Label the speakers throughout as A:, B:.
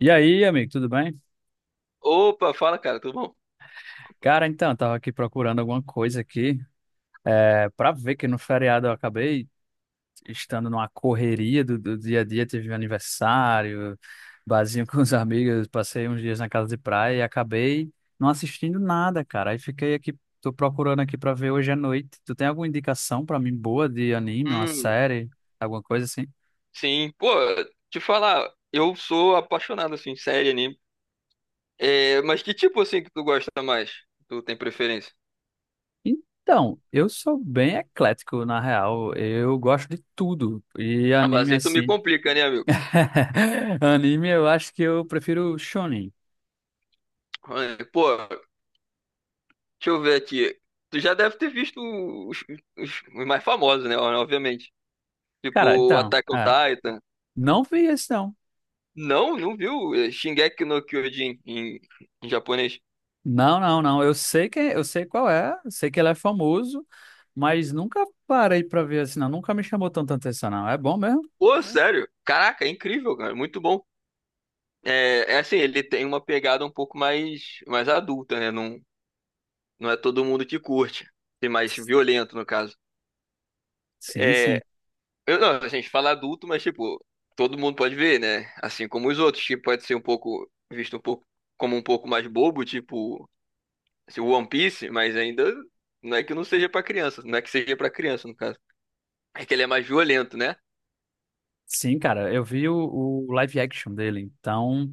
A: E aí, amigo, tudo bem?
B: Opa, fala, cara, tudo bom?
A: Cara, então, eu tava aqui procurando alguma coisa aqui, pra ver que no feriado eu acabei estando numa correria do dia a dia, teve um aniversário, barzinho com os amigos, passei uns dias na casa de praia e acabei não assistindo nada, cara. Aí fiquei aqui, tô procurando aqui pra ver hoje à noite. Tu tem alguma indicação pra mim boa de anime, uma
B: Hum,
A: série, alguma coisa assim?
B: sim, pô, te falar, eu sou apaixonado, assim, série, anime. É, mas que tipo, assim, que tu gosta mais? Tu tem preferência?
A: Então, eu sou bem eclético, na real. Eu gosto de tudo. E
B: Ah, mas
A: anime,
B: aí tu me
A: assim.
B: complica, né, amigo?
A: Anime, eu acho que eu prefiro shonen.
B: É, pô, deixa eu ver aqui. Tu já deve ter visto os, os mais famosos, né, obviamente.
A: Cara,
B: Tipo,
A: então,
B: Attack on Titan.
A: não vi esse não.
B: Não, não viu? É, Shingeki no Kyojin em japonês.
A: Não, não, não. Eu sei que, eu sei qual é, eu sei que ele é famoso, mas nunca parei pra ver assim, não. Nunca me chamou tanta atenção, não. É bom mesmo?
B: Pô, sério? Caraca, é incrível, cara, muito bom. É, é assim, ele tem uma pegada um pouco mais adulta, né? Não, não é todo mundo que curte. Tem mais violento, no caso.
A: Sim, sim.
B: É, eu, não, a gente fala adulto, mas, tipo, todo mundo pode ver, né? Assim como os outros, que pode ser um pouco, visto um pouco, como um pouco mais bobo, tipo, assim, One Piece, mas ainda não é que não seja pra criança, não é que seja pra criança, no caso. É que ele é mais violento, né?
A: Sim, cara, eu vi o live action dele, então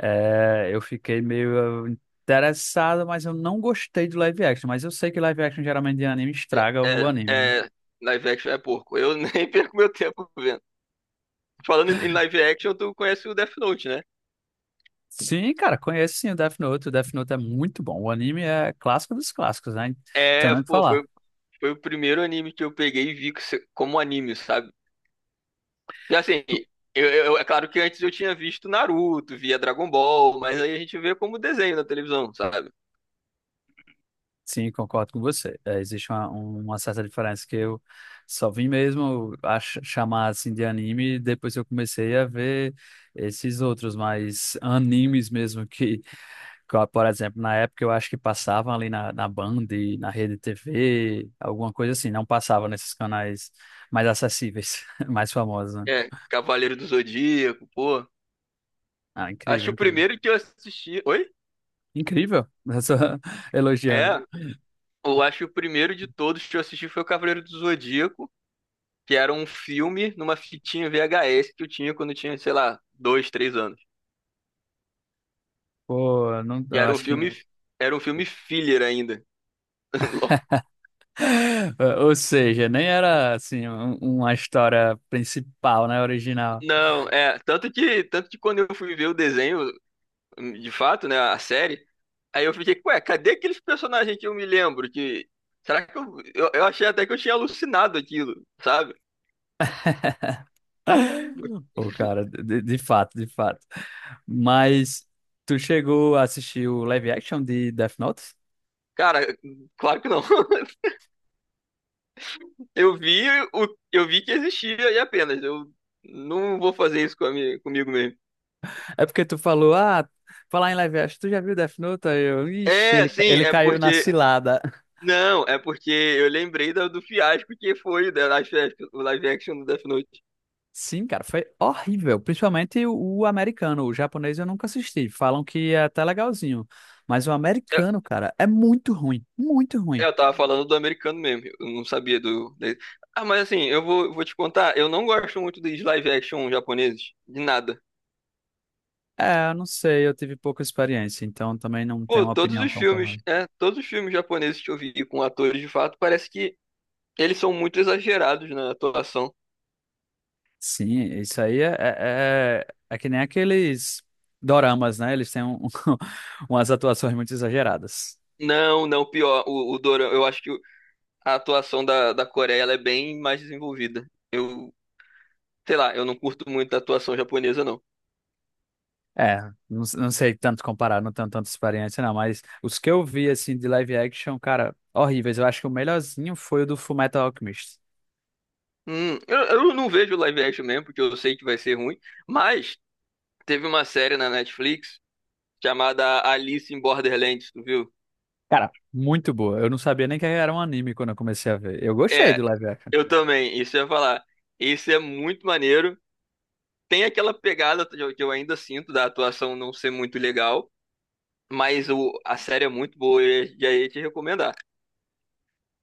A: é, eu fiquei meio interessado, mas eu não gostei do live action. Mas eu sei que live action geralmente de anime estraga o anime, né?
B: É, é, live action é porco. Eu nem perco meu tempo vendo. Falando em live action, tu conhece o Death Note, né?
A: Sim, cara, conheço sim o Death Note. O Death Note é muito bom. O anime é clássico dos clássicos, né? Tem
B: É,
A: nem o que
B: pô,
A: falar.
B: foi o primeiro anime que eu peguei e vi que se- como anime, sabe? E assim, eu é claro que antes eu tinha visto Naruto, via Dragon Ball, mas aí a gente vê como desenho na televisão, sabe?
A: Sim, concordo com você. É, existe uma certa diferença que eu só vim mesmo a chamar assim de anime depois que eu comecei a ver esses outros, mas animes mesmo que, por exemplo, na época eu acho que passavam ali na Band, na Rede TV, alguma coisa assim, não passava nesses canais mais acessíveis, mais famosos, né?
B: É, Cavaleiro do Zodíaco, pô.
A: Ah,
B: Acho
A: incrível,
B: que o
A: incrível.
B: primeiro que eu assisti. Oi?
A: Incrível, essa elogiando.
B: É, eu acho que o primeiro de todos que eu assisti foi o Cavaleiro do Zodíaco, que era um filme numa fitinha VHS que eu tinha quando eu tinha, sei lá, dois, três anos.
A: Pô, não,
B: Que
A: eu acho que.
B: era um filme filler ainda.
A: Ou seja, nem era assim uma história principal, né? Original.
B: Não, é, tanto que quando eu fui ver o desenho, de fato, né, a série, aí eu fiquei, ué, cadê aqueles personagens que eu me lembro? Que, será que eu achei até que eu tinha alucinado aquilo, sabe?
A: Pô, cara, de fato, de fato. Mas tu chegou a assistir o live action de Death Note?
B: Cara, claro que não. Eu vi eu vi que existia e apenas, eu não vou fazer isso com a minha- comigo mesmo.
A: É porque tu falou, ah, falar em live action, tu já viu Death Note? Aí eu, ixi,
B: É, sim,
A: ele
B: é
A: caiu na
B: porque,
A: cilada.
B: não, é porque eu lembrei da- do fiasco que foi o da live action, o live action do Death Note.
A: Sim, cara, foi horrível. Principalmente o americano. O japonês eu nunca assisti. Falam que é até legalzinho. Mas o
B: É,
A: americano, cara, é muito ruim. Muito
B: é,
A: ruim.
B: eu tava falando do americano mesmo, eu não sabia do. De- Ah, mas assim, eu vou te contar, eu não gosto muito dos live action japoneses, de nada.
A: É, eu não sei, eu tive pouca experiência, então também não
B: Pô,
A: tenho uma
B: todos
A: opinião
B: os
A: tão
B: filmes,
A: formada.
B: é, todos os filmes japoneses que eu vi com atores de fato, parece que eles são muito exagerados na atuação.
A: Sim, isso aí é que nem aqueles doramas, né? Eles têm umas atuações muito exageradas.
B: Não, não, pior, o Dorama, eu acho que a atuação da Coreia, ela é bem mais desenvolvida. Eu, sei lá, eu não curto muito a atuação japonesa, não.
A: É, não, não sei tanto comparar, não tenho tanta experiência não, mas os que eu vi, assim, de live action, cara, horríveis. Eu acho que o melhorzinho foi o do Fullmetal Alchemist.
B: Eu não vejo live action mesmo, porque eu sei que vai ser ruim, mas teve uma série na Netflix chamada Alice in Borderlands, tu viu?
A: Cara, muito boa. Eu não sabia nem que era um anime quando eu comecei a ver. Eu gostei
B: É,
A: do live action.
B: eu também, isso eu ia falar. Esse é muito maneiro. Tem aquela pegada que eu ainda sinto da atuação não ser muito legal, mas a série é muito boa e aí ia te recomendar.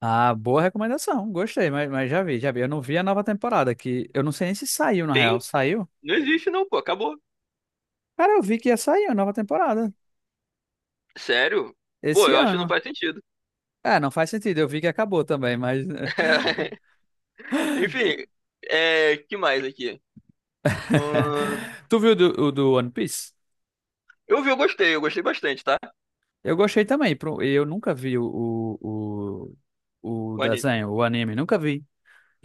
A: Ah, boa recomendação, gostei, mas já vi, já vi. Eu não vi a nova temporada, que eu não sei nem se saiu, na real.
B: Tem?
A: Saiu?
B: Não existe não, pô, acabou.
A: Cara, eu vi que ia sair a nova temporada,
B: Sério? Pô,
A: esse
B: eu acho que não
A: ano.
B: faz sentido.
A: É, não faz sentido, eu vi que acabou também, mas...
B: Enfim, é, que mais aqui? Ahn,
A: Tu viu do, o do One Piece?
B: eu vi, eu gostei bastante, tá?
A: Eu gostei também. Pro- Eu nunca vi o, o
B: O anime.
A: desenho, o anime, nunca vi.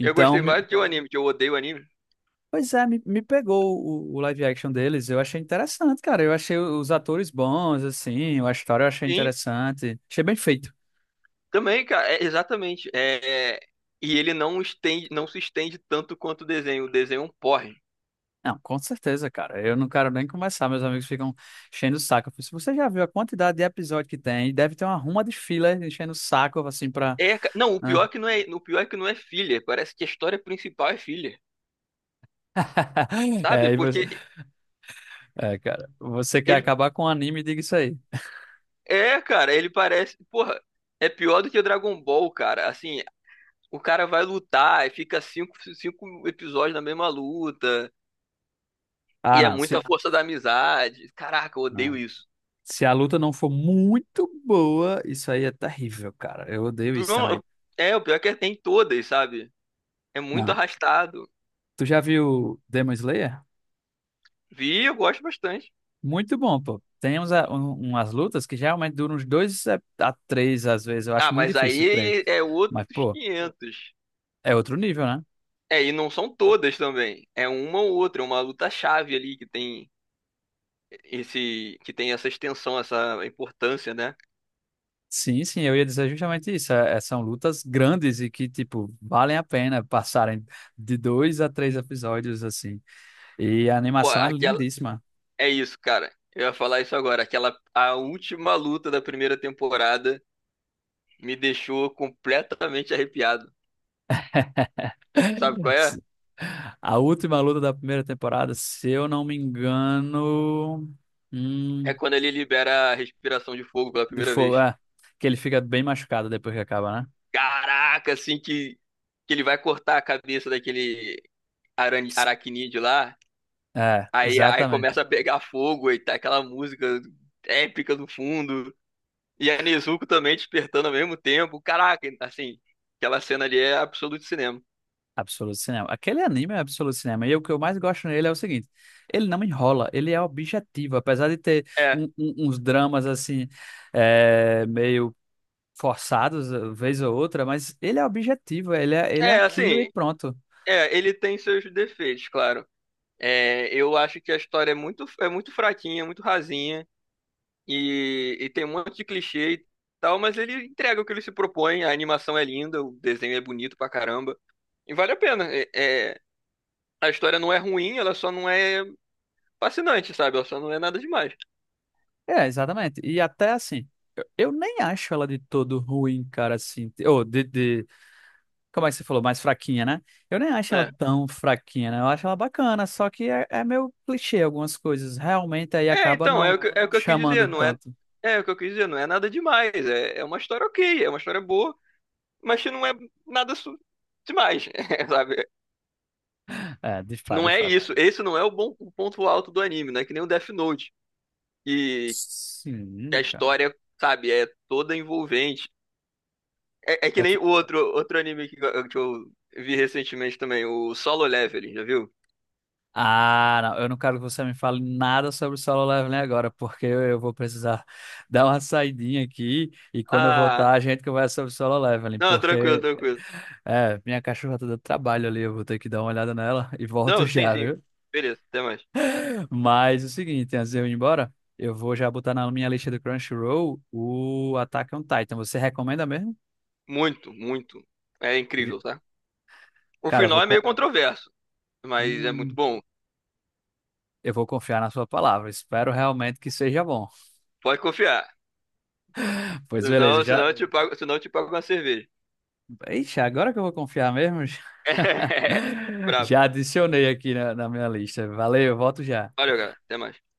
B: Eu gostei
A: me-
B: mais do que o anime, que eu odeio o anime.
A: Pois é, me pegou o live action deles. Eu achei interessante, cara. Eu achei os atores bons, assim, a história eu achei
B: Sim.
A: interessante. Achei bem feito.
B: Também, cara, é, exatamente. É, e ele não estende, não se estende tanto quanto o desenho. O desenho é um porre.
A: Não, com certeza, cara. Eu não quero nem começar. Meus amigos ficam enchendo o saco. Eu falei, se você já viu a quantidade de episódio que tem, deve ter uma ruma de fila enchendo o saco, assim, pra.
B: É, ca- não,
A: Hã?
B: o pior é que não é filler. Parece que a história principal é filler, sabe?
A: É, e você-
B: Porque
A: É, cara, você quer
B: ele
A: acabar com o anime, diga isso aí.
B: é, cara, ele parece, porra, é pior do que o Dragon Ball, cara. Assim, o cara vai lutar e fica cinco episódios na mesma luta
A: Ah,
B: e é
A: não. Se,
B: muita força da amizade. Caraca, eu odeio
A: né?
B: isso.
A: Se a luta não for muito boa, isso aí é terrível, cara. Eu odeio isso também.
B: Não, é, o pior é que tem todas, sabe? É muito
A: Não.
B: arrastado.
A: Tu já viu Demon Slayer?
B: Vi, eu gosto bastante.
A: Muito bom, pô. Tem uns, umas lutas que geralmente duram uns dois a três, às vezes. Eu acho
B: Ah,
A: muito
B: mas
A: difícil três.
B: aí é outros
A: Mas, pô,
B: 500.
A: é outro nível, né?
B: É, e não são todas também. É uma ou outra, é uma luta-chave ali que tem essa extensão, essa importância, né?
A: Sim, sim, eu ia dizer justamente isso. São lutas grandes e que, tipo, valem a pena passarem de dois a três episódios, assim. E a
B: Pô,
A: animação é
B: aquela,
A: lindíssima.
B: é isso, cara. Eu ia falar isso agora. Aquela, a última luta da primeira temporada me deixou completamente arrepiado. Sabe qual é?
A: A última luta da primeira temporada, se eu não me engano.
B: É
A: Hum,
B: quando ele libera a respiração de fogo pela
A: de
B: primeira
A: fogo.
B: vez.
A: É, que ele fica bem machucado depois que acaba, né?
B: Caraca, que ele vai cortar a cabeça daquele aracnídeo lá.
A: É,
B: Aí
A: exatamente.
B: começa a pegar fogo e tá aquela música épica do fundo. E a Nezuko também despertando ao mesmo tempo. Caraca, assim, aquela cena ali é absoluto cinema.
A: Absoluto Cinema. Aquele anime é Absoluto Cinema. E o que eu mais gosto nele é o seguinte: ele não enrola, ele é objetivo. Apesar de ter
B: É,
A: uns dramas assim, meio forçados, vez ou outra, mas ele é objetivo, ele é
B: é
A: aquilo e
B: assim,
A: pronto.
B: é, ele tem seus defeitos, claro. É, eu acho que a história é é muito fraquinha, muito rasinha e tem um monte de clichê e tal, mas ele entrega o que ele se propõe. A animação é linda, o desenho é bonito pra caramba. E vale a pena. A história não é ruim, ela só não é fascinante, sabe? Ela só não é nada demais.
A: É, exatamente. E até assim, eu nem acho ela de todo ruim, cara, assim. Ou como é que você falou? Mais fraquinha, né? Eu nem acho ela
B: É,
A: tão fraquinha, né? Eu acho ela bacana, só que é meio clichê algumas coisas. Realmente aí
B: é
A: acaba
B: então,
A: não
B: é o que eu quis
A: chamando
B: dizer, não é,
A: tanto.
B: é o que eu quis dizer, não é nada demais. É, é uma história ok, é uma história boa, mas que não é nada su- demais, sabe?
A: É, de fato,
B: Não
A: de
B: é
A: fato.
B: isso, esse não é o ponto alto do anime, não é que nem o Death Note, e a
A: Sim, cara.
B: história, sabe, é toda envolvente. É, é que
A: É
B: nem
A: tu-
B: outro anime que eu vi recentemente também, o Solo Leveling, já viu?
A: Ah, não, eu não quero que você me fale nada sobre o Solo Leveling agora, porque eu vou precisar dar uma saidinha aqui e quando eu
B: Ah,
A: voltar a gente conversa sobre o Solo Leveling,
B: não,
A: porque
B: tranquilo.
A: é, minha cachorra tá dando trabalho ali, eu vou ter que dar uma olhada nela e volto
B: Não, sim,
A: já,
B: sim.
A: viu?
B: Beleza, até mais.
A: Mas é o seguinte, antes de eu ir embora, eu vou já botar na minha lista do Crunchyroll o Attack on Titan. Você recomenda mesmo?
B: Muito, muito. É
A: E,
B: incrível, tá? O
A: cara, eu
B: final
A: vou,
B: é meio
A: con-
B: controverso, mas é muito
A: hum,
B: bom.
A: eu vou confiar na sua palavra. Espero realmente que seja bom.
B: Pode confiar.
A: Pois beleza, já.
B: Senão eu te pago uma cerveja.
A: Ixi, agora que eu vou confiar mesmo,
B: É. Brabo.
A: já adicionei aqui na minha lista. Valeu, volto já.
B: Valeu, galera. Até mais.